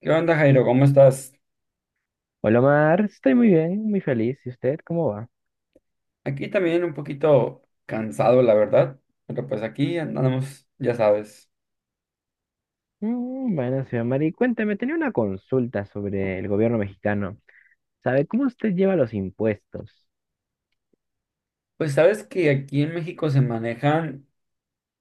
¿Qué onda, Jairo? ¿Cómo estás? Hola Omar, estoy muy bien, muy feliz. ¿Y usted cómo va? Aquí también un poquito cansado, la verdad, pero pues aquí andamos, ya sabes. Bueno, señor Mari, cuénteme, tenía una consulta sobre el gobierno mexicano. ¿Sabe cómo usted lleva los impuestos? Pues sabes que aquí en México se manejan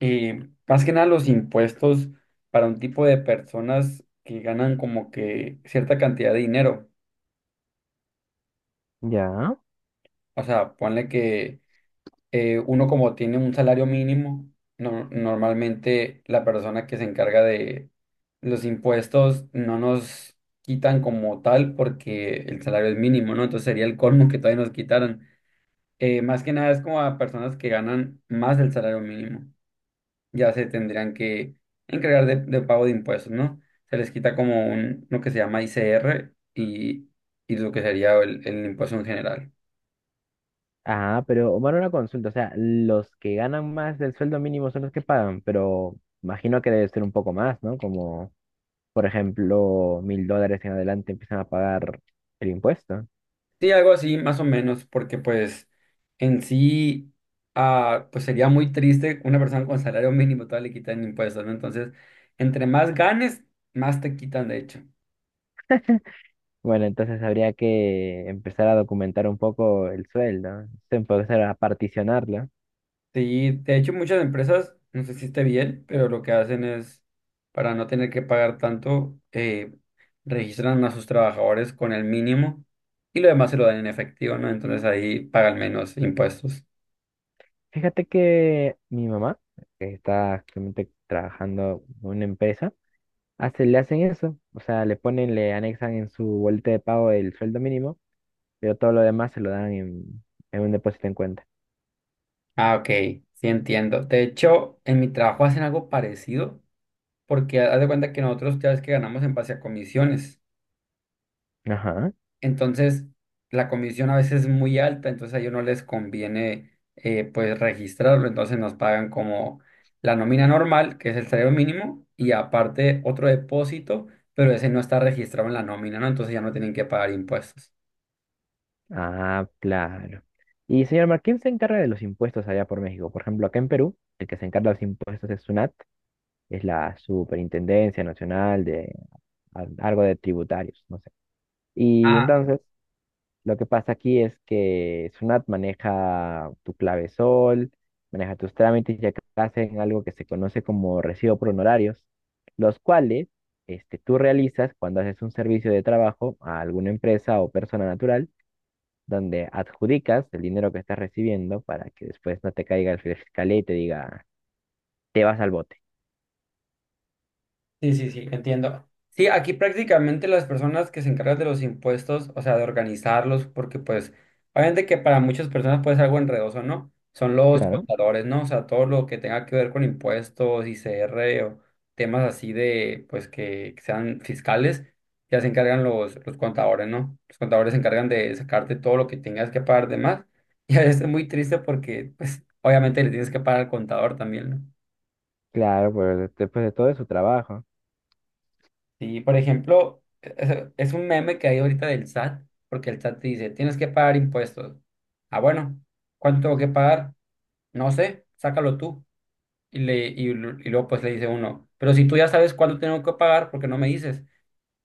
más que nada los impuestos para un tipo de personas que ganan como que cierta cantidad de dinero. ¿Ya? O sea, ponle que uno como tiene un salario mínimo, normalmente la persona que se encarga de los impuestos no nos quitan como tal porque el salario es mínimo, ¿no? Entonces sería el colmo que todavía nos quitaran. Más que nada es como a personas que ganan más del salario mínimo, ya se tendrían que encargar de pago de impuestos, ¿no? Se les quita como un, lo que se llama ICR y lo que sería el impuesto en general. Ah, pero Omar, una consulta. O sea, los que ganan más del sueldo mínimo son los que pagan, pero imagino que debe ser un poco más, ¿no? Como, por ejemplo, $1,000 en adelante empiezan a pagar el impuesto. Sí, algo así, más o menos, porque pues en sí, pues sería muy triste que una persona con salario mínimo todavía le quitan impuestos, ¿no? Entonces, entre más ganes, más te quitan, de hecho. Bueno, entonces habría que empezar a documentar un poco el sueldo, empezar a particionarlo. Sí, de hecho, muchas empresas, no sé si esté bien, pero lo que hacen es, para no tener que pagar tanto, registran a sus trabajadores con el mínimo y lo demás se lo dan en efectivo, ¿no? Entonces ahí pagan menos impuestos. Fíjate que mi mamá, que está actualmente trabajando en una empresa, le hacen eso, o sea, le anexan en su boleta de pago el sueldo mínimo, pero todo lo demás se lo dan en un depósito en cuenta. Ah, ok, sí entiendo. De hecho, en mi trabajo hacen algo parecido porque haz de cuenta que nosotros ya ves que ganamos en base a comisiones. Ajá. Entonces, la comisión a veces es muy alta, entonces a ellos no les conviene pues registrarlo, entonces nos pagan como la nómina normal, que es el salario mínimo, y aparte otro depósito, pero ese no está registrado en la nómina, ¿no? Entonces ya no tienen que pagar impuestos. Ah, claro. Y señor Mar, ¿quién se encarga de los impuestos allá por México? Por ejemplo, acá en Perú, el que se encarga de los impuestos es SUNAT, es la Superintendencia Nacional de algo de tributarios, no sé. Y ah entonces, lo que pasa aquí es que Sunat maneja tu clave sol, maneja tus trámites y acá hacen algo que se conoce como recibo por honorarios, los cuales este, tú realizas cuando haces un servicio de trabajo a alguna empresa o persona natural, donde adjudicas el dinero que estás recibiendo para que después no te caiga el fiscal y te diga, te vas al bote. Sí, sí, sí, entiendo. Sí, aquí prácticamente las personas que se encargan de los impuestos, o sea, de organizarlos, porque pues, obviamente que para muchas personas puede ser algo enredoso, ¿no? Son los Claro, contadores, ¿no? O sea, todo lo que tenga que ver con impuestos, ICR o temas así de, pues, que sean fiscales, ya se encargan los contadores, ¿no? Los contadores se encargan de sacarte todo lo que tengas que pagar de más. Y a veces es muy triste porque, pues, obviamente le tienes que pagar al contador también, ¿no? claro, pues después de todo es su trabajo. Sí, por ejemplo, es un meme que hay ahorita del SAT, porque el SAT te dice, tienes que pagar impuestos. Ah, bueno, ¿cuánto tengo que pagar? No sé, sácalo tú. Y luego pues le dice uno, pero si tú ya sabes cuánto tengo que pagar, ¿por qué no me dices?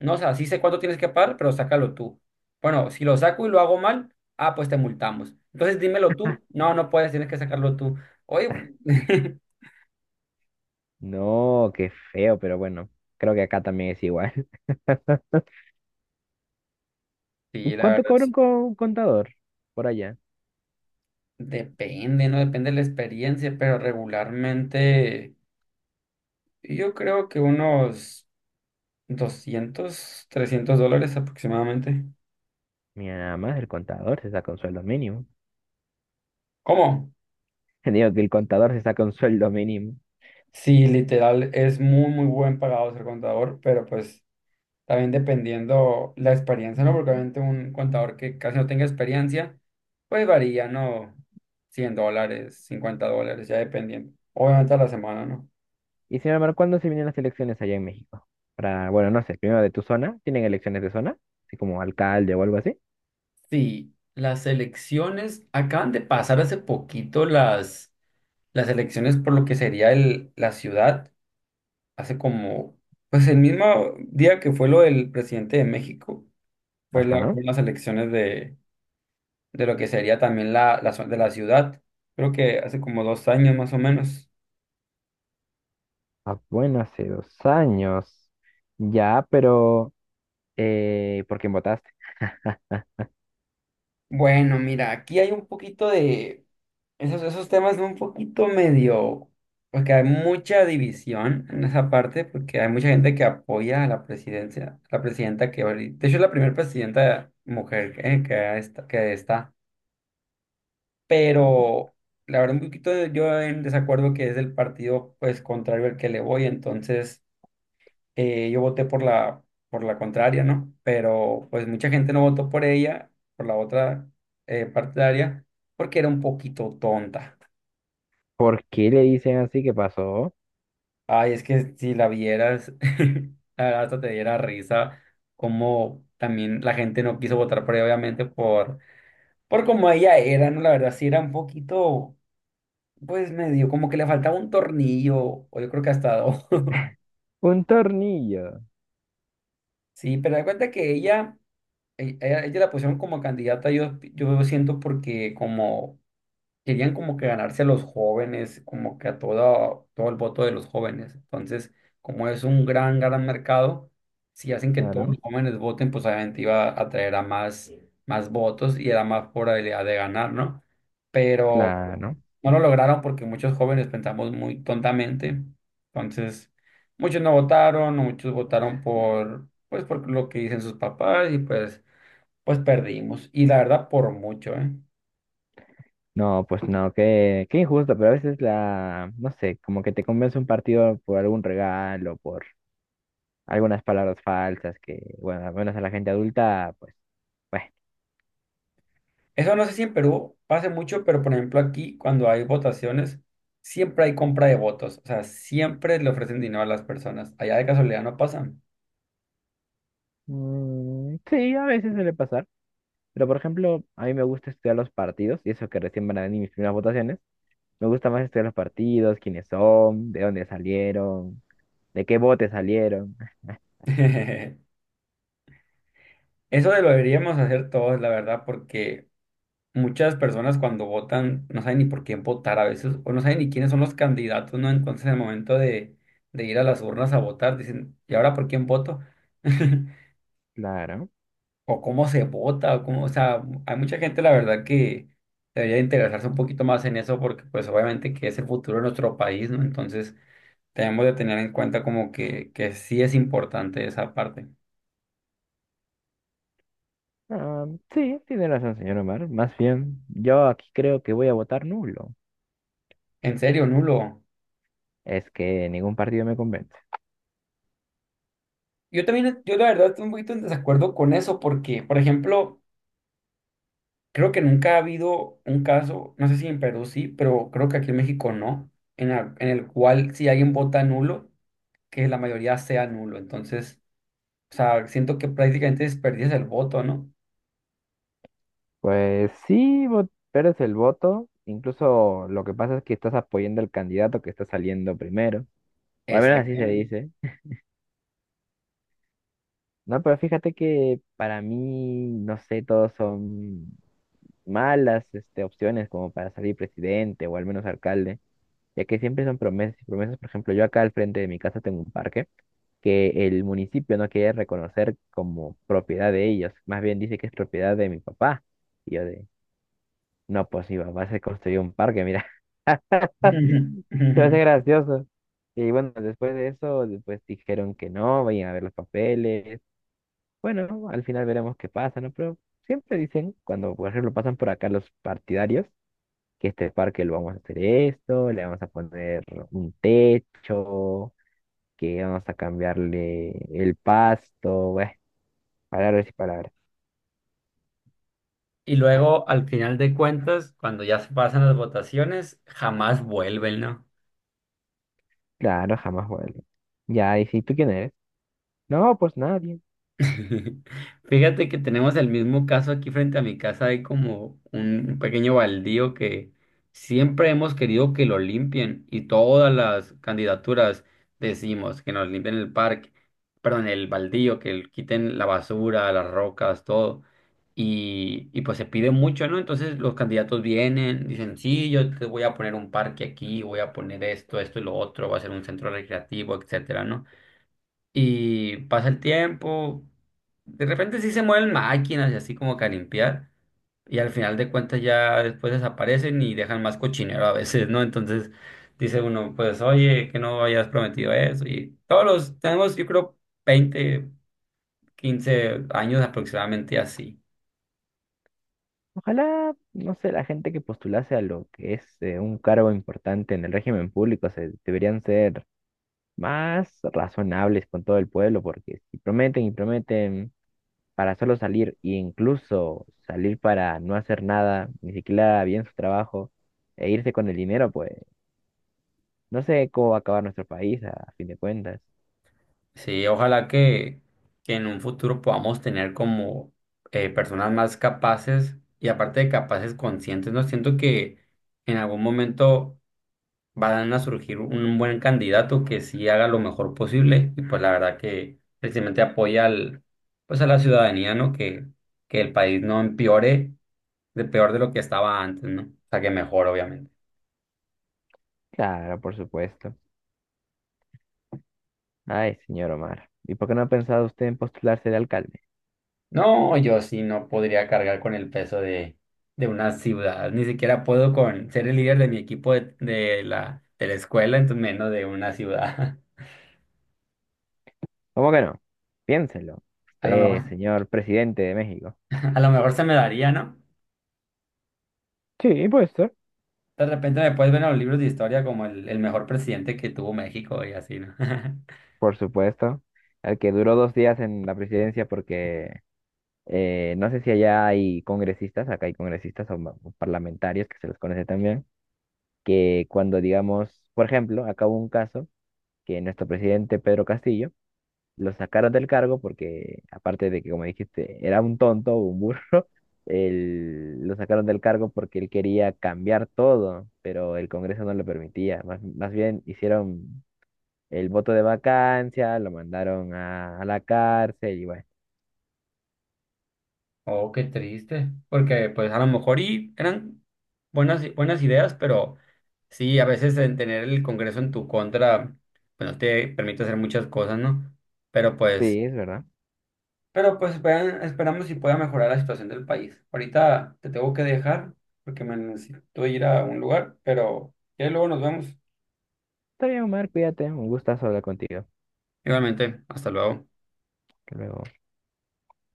No, o sea, sí sé cuánto tienes que pagar, pero sácalo tú. Bueno, si lo saco y lo hago mal, ah, pues te multamos. Entonces dímelo tú. No, no puedes, tienes que sacarlo tú. Oye, No, qué feo, pero bueno, creo que acá también es igual. ¿Y sí, la cuánto verdad, cobra un contador por allá? depende, ¿no? Depende de la experiencia, pero regularmente... Yo creo que unos 200 300 dólares aproximadamente. Mi mamá, es el contador se saca un sueldo mínimo. ¿Cómo? Digo que el contador se saca un sueldo mínimo. Sí, literal, es muy, muy buen pagado ser contador, pero pues también dependiendo la experiencia, ¿no? Porque obviamente un contador que casi no tenga experiencia, pues varía, ¿no? $100, $50, ya dependiendo. Obviamente a la semana, ¿no? Y sin embargo, ¿cuándo se vienen las elecciones allá en México? Para, bueno, no sé, primero de tu zona. ¿Tienen elecciones de zona? Así como alcalde o algo así. Sí, las elecciones, acaban de pasar hace poquito las elecciones por lo que sería la ciudad. Hace como, pues el mismo día que fue lo del presidente de México, fue la, Ajá. fue las elecciones de lo que sería también de la ciudad, creo que hace como 2 años más o menos. Ah, bueno, hace 2 años. Ya, pero ¿por quién votaste? Bueno, mira, aquí hay un poquito de esos temas son un poquito medio, porque hay mucha división en esa parte, porque hay mucha gente que apoya a la presidencia, la presidenta que ahorita, de hecho es la primera presidenta mujer que, que está. Pero la verdad un poquito yo en desacuerdo que es del partido pues contrario al que le voy, entonces yo voté por la contraria, ¿no? Pero pues mucha gente no votó por ella, por la otra partidaria, porque era un poquito tonta. ¿Por qué le dicen así que pasó? Ay, es que si la vieras, la verdad hasta te diera risa, como también la gente no quiso votar por ella, obviamente, por como ella era, ¿no? La verdad sí era un poquito. Pues medio, como que le faltaba un tornillo, o yo creo que hasta dos. Un tornillo. Sí, pero da cuenta que ella, ella la pusieron como candidata, yo siento porque como querían como que ganarse a los jóvenes, como que a todo el voto de los jóvenes. Entonces, como es un gran, gran mercado, si hacen que todos los Claro, jóvenes voten, pues obviamente iba a traer a más, más votos y era más probabilidad de ganar, ¿no? Pero claro. no lo lograron porque muchos jóvenes pensamos muy tontamente. Entonces, muchos no votaron, muchos votaron por, pues, por lo que dicen sus papás y pues, pues perdimos. Y la verdad, por mucho, ¿eh? No, pues no, qué, qué injusto, pero a veces la, no sé, como que te convence un partido por algún regalo, por algunas palabras falsas que, bueno, al menos a la gente adulta, pues, bueno, Eso no sé si en Perú pase mucho, pero por ejemplo aquí, cuando hay votaciones, siempre hay compra de votos. O sea, siempre le ofrecen dinero a las personas. Allá de casualidad no pasan. mm, sí, a veces suele pasar, pero por ejemplo, a mí me gusta estudiar los partidos, y eso que recién van a venir mis primeras votaciones, me gusta más estudiar los partidos, quiénes son, de dónde salieron, de qué bote salieron, Eso lo deberíamos hacer todos, la verdad, porque muchas personas cuando votan no saben ni por quién votar a veces, o no saben ni quiénes son los candidatos, ¿no? Entonces, en el momento de ir a las urnas a votar, dicen, ¿y ahora por quién voto? claro. O cómo se vota, o cómo, o sea, hay mucha gente, la verdad, que debería interesarse un poquito más en eso, porque pues obviamente que es el futuro de nuestro país, ¿no? Entonces, tenemos de tener en cuenta como que sí es importante esa parte. Ah, sí, tiene razón, señor Omar. Más bien, yo aquí creo que voy a votar nulo. En serio, nulo. Es que ningún partido me convence. Yo también, yo la verdad estoy un poquito en desacuerdo con eso, porque, por ejemplo, creo que nunca ha habido un caso, no sé si en Perú sí, pero creo que aquí en México no, en, en el cual si alguien vota nulo, que la mayoría sea nulo. Entonces, o sea, siento que prácticamente desperdicias el voto, ¿no? Pues sí, pero es el voto. Incluso lo que pasa es que estás apoyando al candidato que está saliendo primero. O al menos así se Exactamente. dice. No, pero fíjate que para mí, no sé, todos son malas, este, opciones como para salir presidente o al menos alcalde, ya que siempre son promesas y promesas. Por ejemplo, yo acá al frente de mi casa tengo un parque que el municipio no quiere reconocer como propiedad de ellos. Más bien dice que es propiedad de mi papá. Y yo de, No, pues mi papá se construyó un parque, mira. Se me hace gracioso. Y bueno, después de eso, después dijeron que no, vayan a ver los papeles. Bueno, al final veremos qué pasa, ¿no? Pero siempre dicen, cuando por ejemplo pasan por acá los partidarios, que este parque lo vamos a hacer esto, le vamos a poner un techo, que vamos a cambiarle el pasto, bueno, palabras y palabras. Y luego, al final de cuentas, cuando ya se pasan las votaciones, jamás vuelven, ¿no? Claro, jamás vuelve. Ya, ¿y si tú quién eres? No, pues nadie. Fíjate que tenemos el mismo caso aquí frente a mi casa. Hay como un pequeño baldío que siempre hemos querido que lo limpien y todas las candidaturas decimos que nos limpien el parque, perdón, el baldío, que quiten la basura, las rocas, todo. Y pues se pide mucho, ¿no? Entonces los candidatos vienen, dicen, sí, yo te voy a poner un parque aquí, voy a poner esto, esto y lo otro, va a ser un centro recreativo, etcétera, ¿no? Y pasa el tiempo, de repente sí se mueven máquinas y así como que a limpiar. Y al final de cuentas ya después desaparecen y dejan más cochinero a veces, ¿no? Entonces dice uno, pues oye, que no hayas prometido eso. Y todos los, tenemos yo creo 20 15 años aproximadamente así. Ojalá, no sé, la gente que postulase a lo que es un cargo importante en el régimen público se, deberían ser más razonables con todo el pueblo, porque si prometen y prometen para solo salir, e incluso salir para no hacer nada, ni siquiera bien su trabajo, e irse con el dinero, pues no sé cómo va a acabar nuestro país a fin de cuentas. Sí, ojalá que en un futuro podamos tener como personas más capaces y aparte de capaces conscientes, ¿no? Siento que en algún momento van a surgir un buen candidato que sí haga lo mejor posible y pues la verdad que precisamente apoya al, pues a la ciudadanía, ¿no? Que el país no empeore de peor de lo que estaba antes, ¿no? O sea, que mejor, obviamente. Claro, por supuesto. Ay, señor Omar, ¿y por qué no ha pensado usted en postularse de alcalde? No, yo sí no podría cargar con el peso de una ciudad, ni siquiera puedo con ser el líder de mi equipo de la escuela, entonces menos de una ciudad. ¿Cómo que no? Piénselo. A lo Usted, mejor, señor presidente de México. a lo mejor se me daría, ¿no? Sí, puede ser. De repente me puedes ver en los libros de historia como el mejor presidente que tuvo México y así, ¿no? Por supuesto, al que duró 2 días en la presidencia porque no sé si allá hay congresistas, acá hay congresistas o parlamentarios que se los conoce también, que cuando digamos, por ejemplo, acá hubo un caso que nuestro presidente Pedro Castillo lo sacaron del cargo porque, aparte de que, como dijiste, era un tonto, un burro, lo sacaron del cargo porque él quería cambiar todo, pero el Congreso no lo permitía. Más bien hicieron el voto de vacancia, lo mandaron a la cárcel y bueno. Oh, qué triste. Porque pues a lo mejor y eran buenas ideas, pero sí, a veces en tener el Congreso en tu contra, pues no te permite hacer muchas cosas, ¿no? Pero Sí, pues, es verdad. pero pues esperamos si pueda mejorar la situación del país. Ahorita te tengo que dejar porque me necesito ir a un lugar, pero ya luego nos vemos. Está bien, Omar, cuídate. Un gustazo hablar contigo. Igualmente, hasta luego. Hasta luego.